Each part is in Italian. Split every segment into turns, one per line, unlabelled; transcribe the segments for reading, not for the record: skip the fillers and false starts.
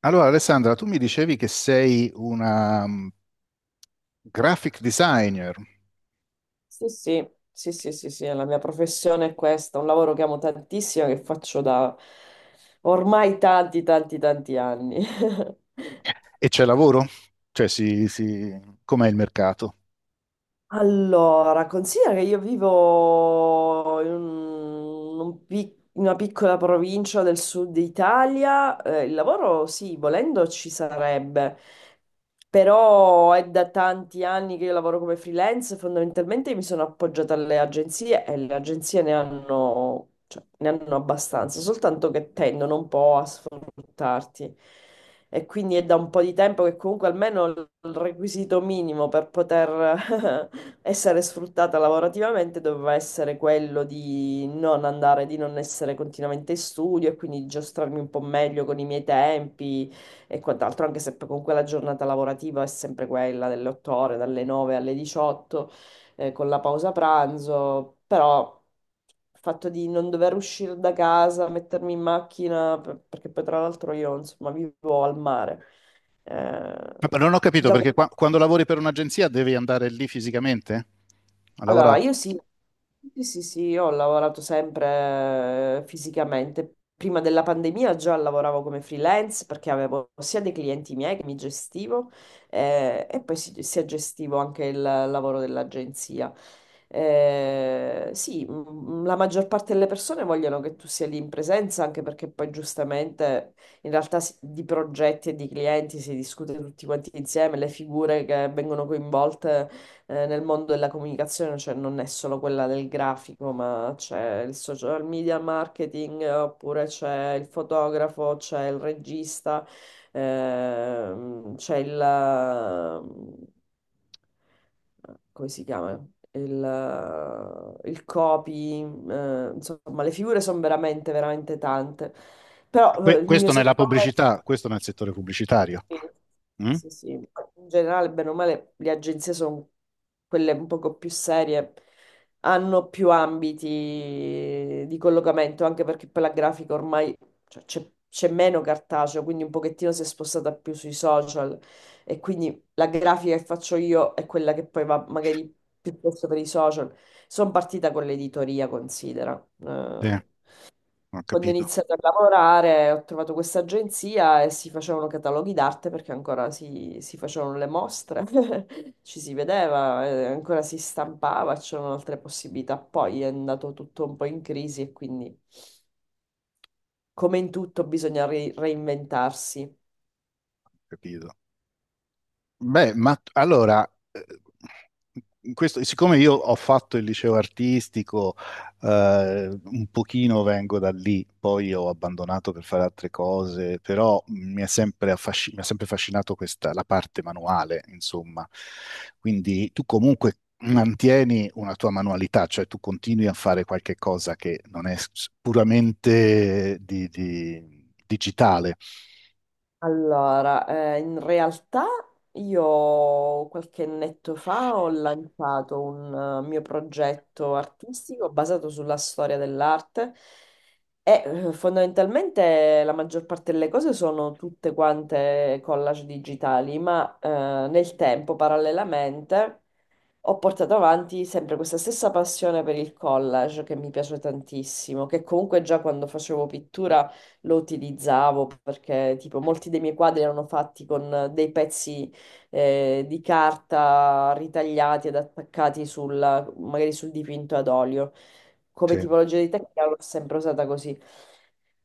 Allora, Alessandra, tu mi dicevi che sei una graphic designer
Sì, sì, sì, sì, sì, sì, la mia professione è questa, un lavoro che amo tantissimo, che faccio da ormai tanti, tanti, tanti anni.
e c'è lavoro? Cioè, si... com'è il mercato?
Allora, considera che io vivo in, in una piccola provincia del sud Italia, il lavoro sì, volendo ci sarebbe, però è da tanti anni che io lavoro come freelance. Fondamentalmente mi sono appoggiata alle agenzie e le agenzie ne hanno, cioè, ne hanno abbastanza, soltanto che tendono un po' a sfruttarti, e quindi è da un po' di tempo che comunque almeno il requisito minimo per poter essere sfruttata lavorativamente doveva essere quello di non andare, di non essere continuamente in studio e quindi di giostrarmi un po' meglio con i miei tempi e quant'altro, anche se poi comunque la giornata lavorativa è sempre quella delle 8 ore, dalle 9 alle 18, con la pausa pranzo. Però il fatto di non dover uscire da casa, mettermi in macchina, perché poi tra l'altro io, insomma, vivo al mare. Eh,
Ah, però non ho capito
Già.
perché quando lavori per un'agenzia devi andare lì fisicamente a
Allora,
lavorare.
io sì, sì, sì, sì, io ho lavorato sempre fisicamente. Prima della pandemia già lavoravo come freelance perché avevo sia dei clienti miei che mi gestivo, e poi si, sia gestivo anche il lavoro dell'agenzia. Sì, la maggior parte delle persone vogliono che tu sia lì in presenza, anche perché poi giustamente in realtà di progetti e di clienti si discute tutti quanti insieme, le figure che vengono coinvolte nel mondo della comunicazione, cioè non è solo quella del grafico, ma c'è il social media marketing, oppure c'è il fotografo, c'è il regista, c'è il... come si chiama? Il copy, insomma, le figure sono veramente, veramente tante. Però il mio
Questo nella
settore...
pubblicità, questo nel settore pubblicitario.
Sì,
Mm?
sì, sì. In generale, bene o male, le agenzie sono quelle un poco più serie, hanno più ambiti di collocamento, anche perché poi la grafica ormai, cioè, c'è meno cartaceo, quindi un pochettino si è spostata più sui social, e quindi la grafica che faccio io è quella che poi va magari piuttosto per i social. Sono partita con l'editoria, considera.
Sì, ho
Quando ho
capito, ho
iniziato a lavorare ho trovato questa agenzia e si facevano cataloghi d'arte perché ancora si facevano le mostre, ci si vedeva, ancora si stampava, c'erano altre possibilità. Poi è andato tutto un po' in crisi e quindi, come in tutto, bisogna reinventarsi.
capito. Beh, ma allora, questo, siccome io ho fatto il liceo artistico, un pochino vengo da lì, poi ho abbandonato per fare altre cose, però mi è sempre mi ha sempre affascinato questa, la parte manuale, insomma. Quindi tu comunque mantieni una tua manualità, cioè tu continui a fare qualche cosa che non è puramente digitale.
Allora, in realtà io qualche annetto fa ho lanciato un mio progetto artistico basato sulla storia dell'arte, e fondamentalmente la maggior parte delle cose sono tutte quante collage digitali, ma nel tempo, parallelamente, ho portato avanti sempre questa stessa passione per il collage che mi piace tantissimo, che comunque già quando facevo pittura lo utilizzavo perché tipo molti dei miei quadri erano fatti con dei pezzi di carta ritagliati ed attaccati magari sul dipinto ad olio. Come
Sì.
tipologia di tecnica l'ho sempre usata così.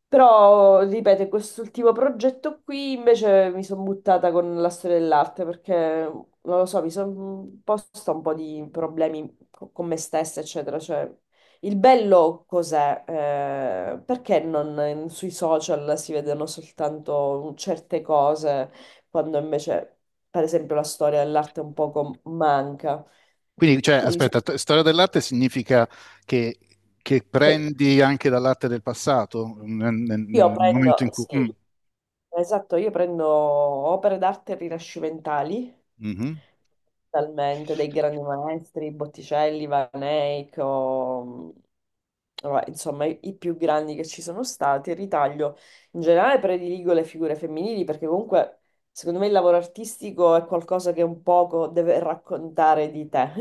Però, ripeto, in quest'ultimo progetto qui invece mi sono buttata con la storia dell'arte perché non lo so, mi sono posta un po' di problemi con me stessa, eccetera. Cioè, il bello cos'è? Perché non sui social si vedono soltanto certe cose, quando invece, per esempio, la storia dell'arte un poco manca.
Quindi, cioè,
Quindi mi sono-
aspetta, storia dell'arte significa che, che
eh,
prendi anche dall'arte del passato, nel
io
momento in
prendo,
cui... mm,
sì, Esatto, io prendo opere d'arte rinascimentali,
mhm.
talmente, dei grandi maestri, Botticelli, Van Eyck, vabbè, insomma i più grandi che ci sono stati, ritaglio. In generale prediligo le figure femminili perché comunque secondo me il lavoro artistico è qualcosa che un poco deve raccontare di te.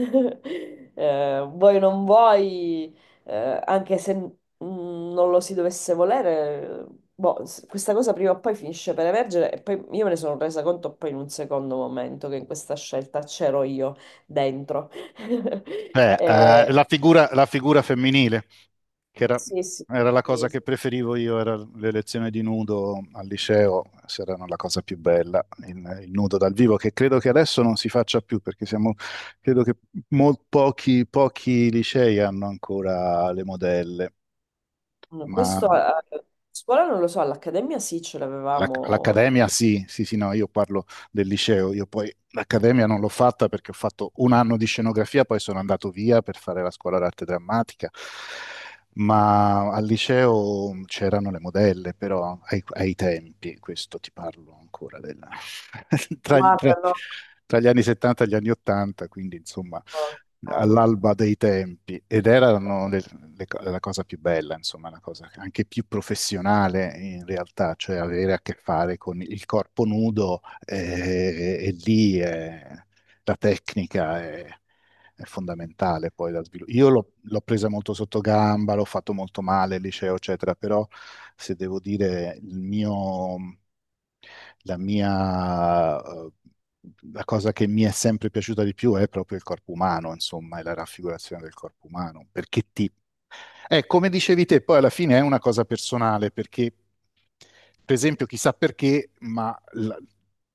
Vuoi non vuoi, anche se non lo si dovesse volere, boh, questa cosa prima o poi finisce per emergere, e poi io me ne sono resa conto poi in un secondo momento che in questa scelta c'ero io dentro.
Beh,
Eh,
la figura femminile, che era,
sì, sì,
era la cosa
sì. Sì.
che preferivo io, era le lezioni di nudo al liceo, se erano la cosa più bella, il nudo dal vivo, che credo che adesso non si faccia più, perché siamo, credo che pochi, pochi licei hanno ancora le modelle,
Mm.
ma...
Questo a scuola non lo so, all'accademia sì, ce l'avevamo.
L'accademia sì, sì, sì, no, io parlo del liceo, io poi l'accademia non l'ho fatta perché ho fatto un anno di scenografia, poi sono andato via per fare la scuola d'arte drammatica, ma al liceo c'erano le modelle, però ai, ai tempi, questo ti parlo ancora della- tra, gli tra-
Guarda, no.
tra gli anni 70 e gli anni 80, quindi insomma
Ok.
all'alba dei tempi, ed erano la cosa più bella, insomma, la cosa anche più professionale in realtà, cioè avere a che fare con il corpo nudo, e lì, la tecnica, è fondamentale poi da sviluppare. Io l'ho presa molto sotto gamba, l'ho fatto molto male, il liceo, eccetera, però se devo dire il mio, la mia, la cosa che mi è sempre piaciuta di più è proprio il corpo umano, insomma, è la raffigurazione del corpo umano, perché ti, come dicevi te, poi alla fine è una cosa personale, perché, per esempio, chissà perché, ma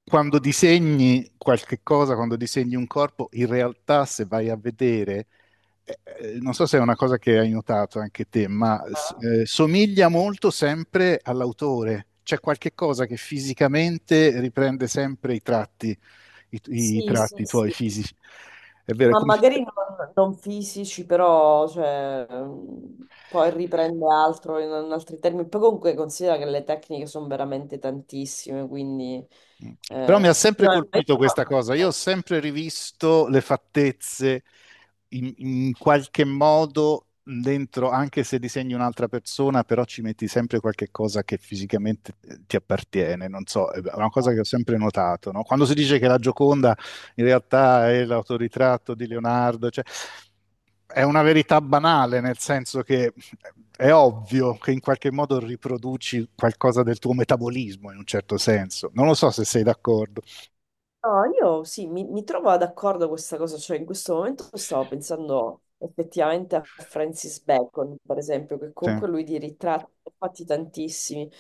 quando disegni qualche cosa, quando disegni un corpo, in realtà se vai a vedere, non so se è una cosa che hai notato anche te, ma
Ah,
somiglia molto sempre all'autore. C'è qualche cosa che fisicamente riprende sempre i tratti, i, i
sì, sì,
tratti tuoi
sì.
fisici. È vero, è
Ma
come...
magari non, non fisici, però cioè, poi riprende altro in, in altri termini. Poi comunque considera che le tecniche sono veramente tantissime, quindi...
Mm. Però mi
eh,
ha sempre
no, io-
colpito questa cosa. Io ho sempre rivisto le fattezze in, in qualche modo dentro, anche se disegni un'altra persona, però ci metti sempre qualche cosa che fisicamente, ti appartiene. Non so, è una cosa che ho sempre notato, no? Quando si dice che la Gioconda in realtà è l'autoritratto di Leonardo. Cioè, è una verità banale, nel senso che è ovvio che in qualche modo riproduci qualcosa del tuo metabolismo in un certo senso. Non lo so se sei d'accordo.
No, io sì, mi trovo d'accordo con questa cosa, cioè in questo momento stavo pensando effettivamente a Francis Bacon, per esempio, che
Sì,
comunque lui di ritratti ne ha fatti tantissimi.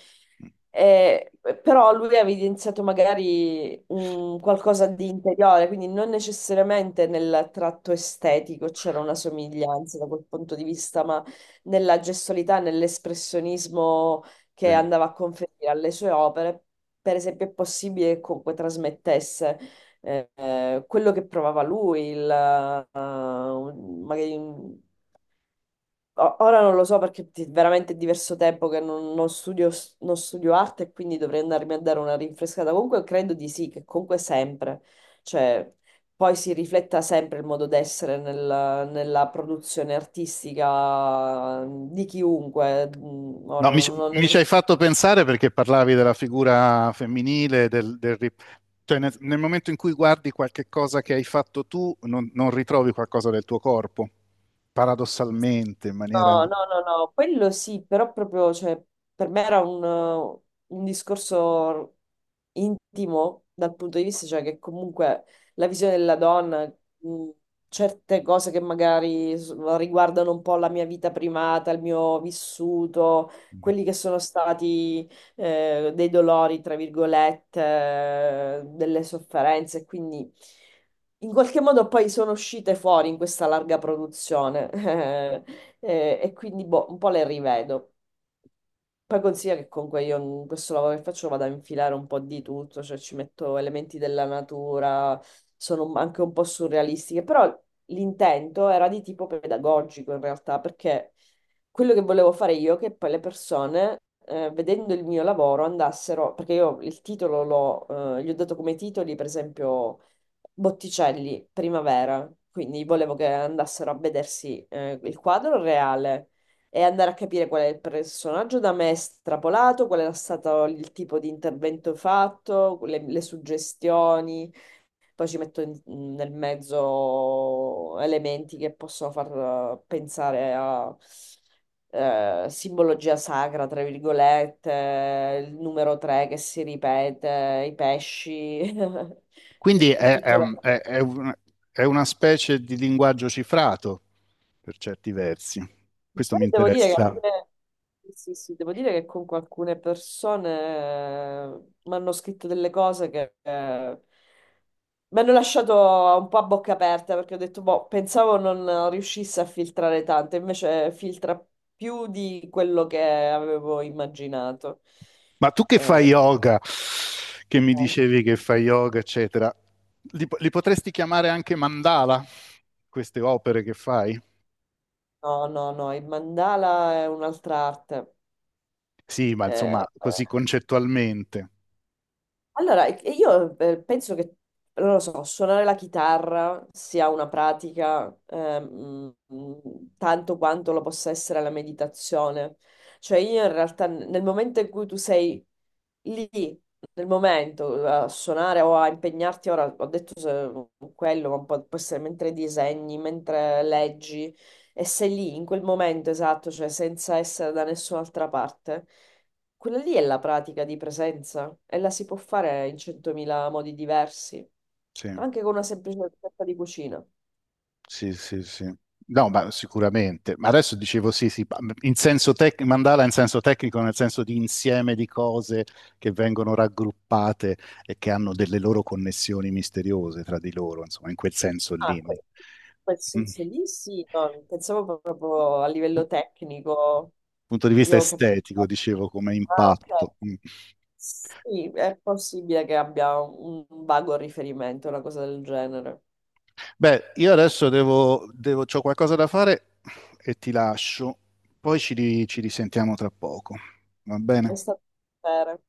Eh, però lui ha evidenziato magari un qualcosa di interiore, quindi non necessariamente nel tratto estetico c'era una somiglianza da quel punto di vista, ma nella gestualità, nell'espressionismo che
sì.
andava a conferire alle sue opere, per esempio, è possibile che comunque trasmettesse quello che provava lui, il, ora non lo so perché veramente è diverso tempo che non, non studio, non studio arte e quindi dovrei andarmi a dare una rinfrescata. Comunque credo di sì, che comunque sempre, cioè poi si rifletta sempre il modo d'essere nella produzione artistica di chiunque. Mm, ora
No,
non
mi ci hai
necessariamente.
fatto pensare perché parlavi della figura femminile, cioè nel, nel momento in cui guardi qualche cosa che hai fatto tu, non, non ritrovi qualcosa del tuo corpo, paradossalmente, in maniera...
No, no, no, no, quello sì, però proprio, cioè, per me era un discorso intimo dal punto di vista, cioè, che comunque la visione della donna, mh, certe cose che magari riguardano un po' la mia vita privata, il mio vissuto, quelli che sono stati dei dolori, tra virgolette, delle sofferenze, quindi... In qualche modo poi sono uscite fuori in questa larga produzione. E quindi boh, un po' le rivedo. Poi consiglia che comunque io in questo lavoro che faccio vado a infilare un po' di tutto, cioè ci metto elementi della natura, sono anche un po' surrealistiche, però l'intento era di tipo pedagogico in realtà, perché quello che volevo fare io è che poi le persone, vedendo il mio lavoro, andassero, perché io il titolo l'ho, gli ho dato come titoli, per esempio Botticelli, Primavera, quindi volevo che andassero a vedersi il quadro reale e andare a capire qual è il personaggio da me strapolato, qual era stato il tipo di intervento fatto, le suggestioni, poi ci metto in- nel mezzo elementi che possono far pensare a... simbologia sacra, tra virgolette, il numero 3 che si ripete, i pesci,
Quindi
e
è,
tutto là.
è un- è una specie di linguaggio cifrato per certi versi. Questo
Poi
mi
devo dire che
interessa.
alcune- Sì, sì, devo dire che con alcune persone mi hanno scritto delle cose che mi hanno lasciato un po' a bocca aperta perché ho detto, boh, pensavo non riuscisse a filtrare tanto, invece filtra più di quello che avevo immaginato.
Ma tu che fai
Eh,
yoga, che mi
no,
dicevi che fai yoga, eccetera, li, li potresti chiamare anche mandala, queste opere che fai?
no, no, il mandala è un'altra arte.
Sì, ma
Eh,
insomma, così concettualmente.
Allora, io penso che, non lo so, suonare la chitarra sia una pratica tanto quanto lo possa essere la meditazione. Cioè io in realtà nel momento in cui tu sei lì, nel momento a suonare o a impegnarti, ora ho detto quello, ma può, può essere mentre disegni, mentre leggi, e sei lì in quel momento esatto, cioè senza essere da nessun'altra parte. Quella lì è la pratica di presenza e la si può fare in centomila modi diversi,
Sì.
ma anche con una semplice ricetta di cucina.
Sì, sì, sì. No, ma sicuramente. Ma adesso dicevo sì, sì, ma in senso mandala in senso tecnico, nel senso di insieme di cose che vengono raggruppate e che hanno delle loro connessioni misteriose tra di loro, insomma, in quel senso
Ah,
lì.
que- Quel
Mm.
senso lì sì, no, pensavo proprio a livello tecnico,
Punto di vista
io ho capito.
estetico, dicevo, come
Ah, ok.
impatto. Mm.
Sì, è possibile che abbia un vago riferimento, una cosa del genere.
Beh, io adesso devo, devo, c'ho qualcosa da fare e ti lascio. Poi ci risentiamo tra poco. Va
È
bene?
stato un piacere.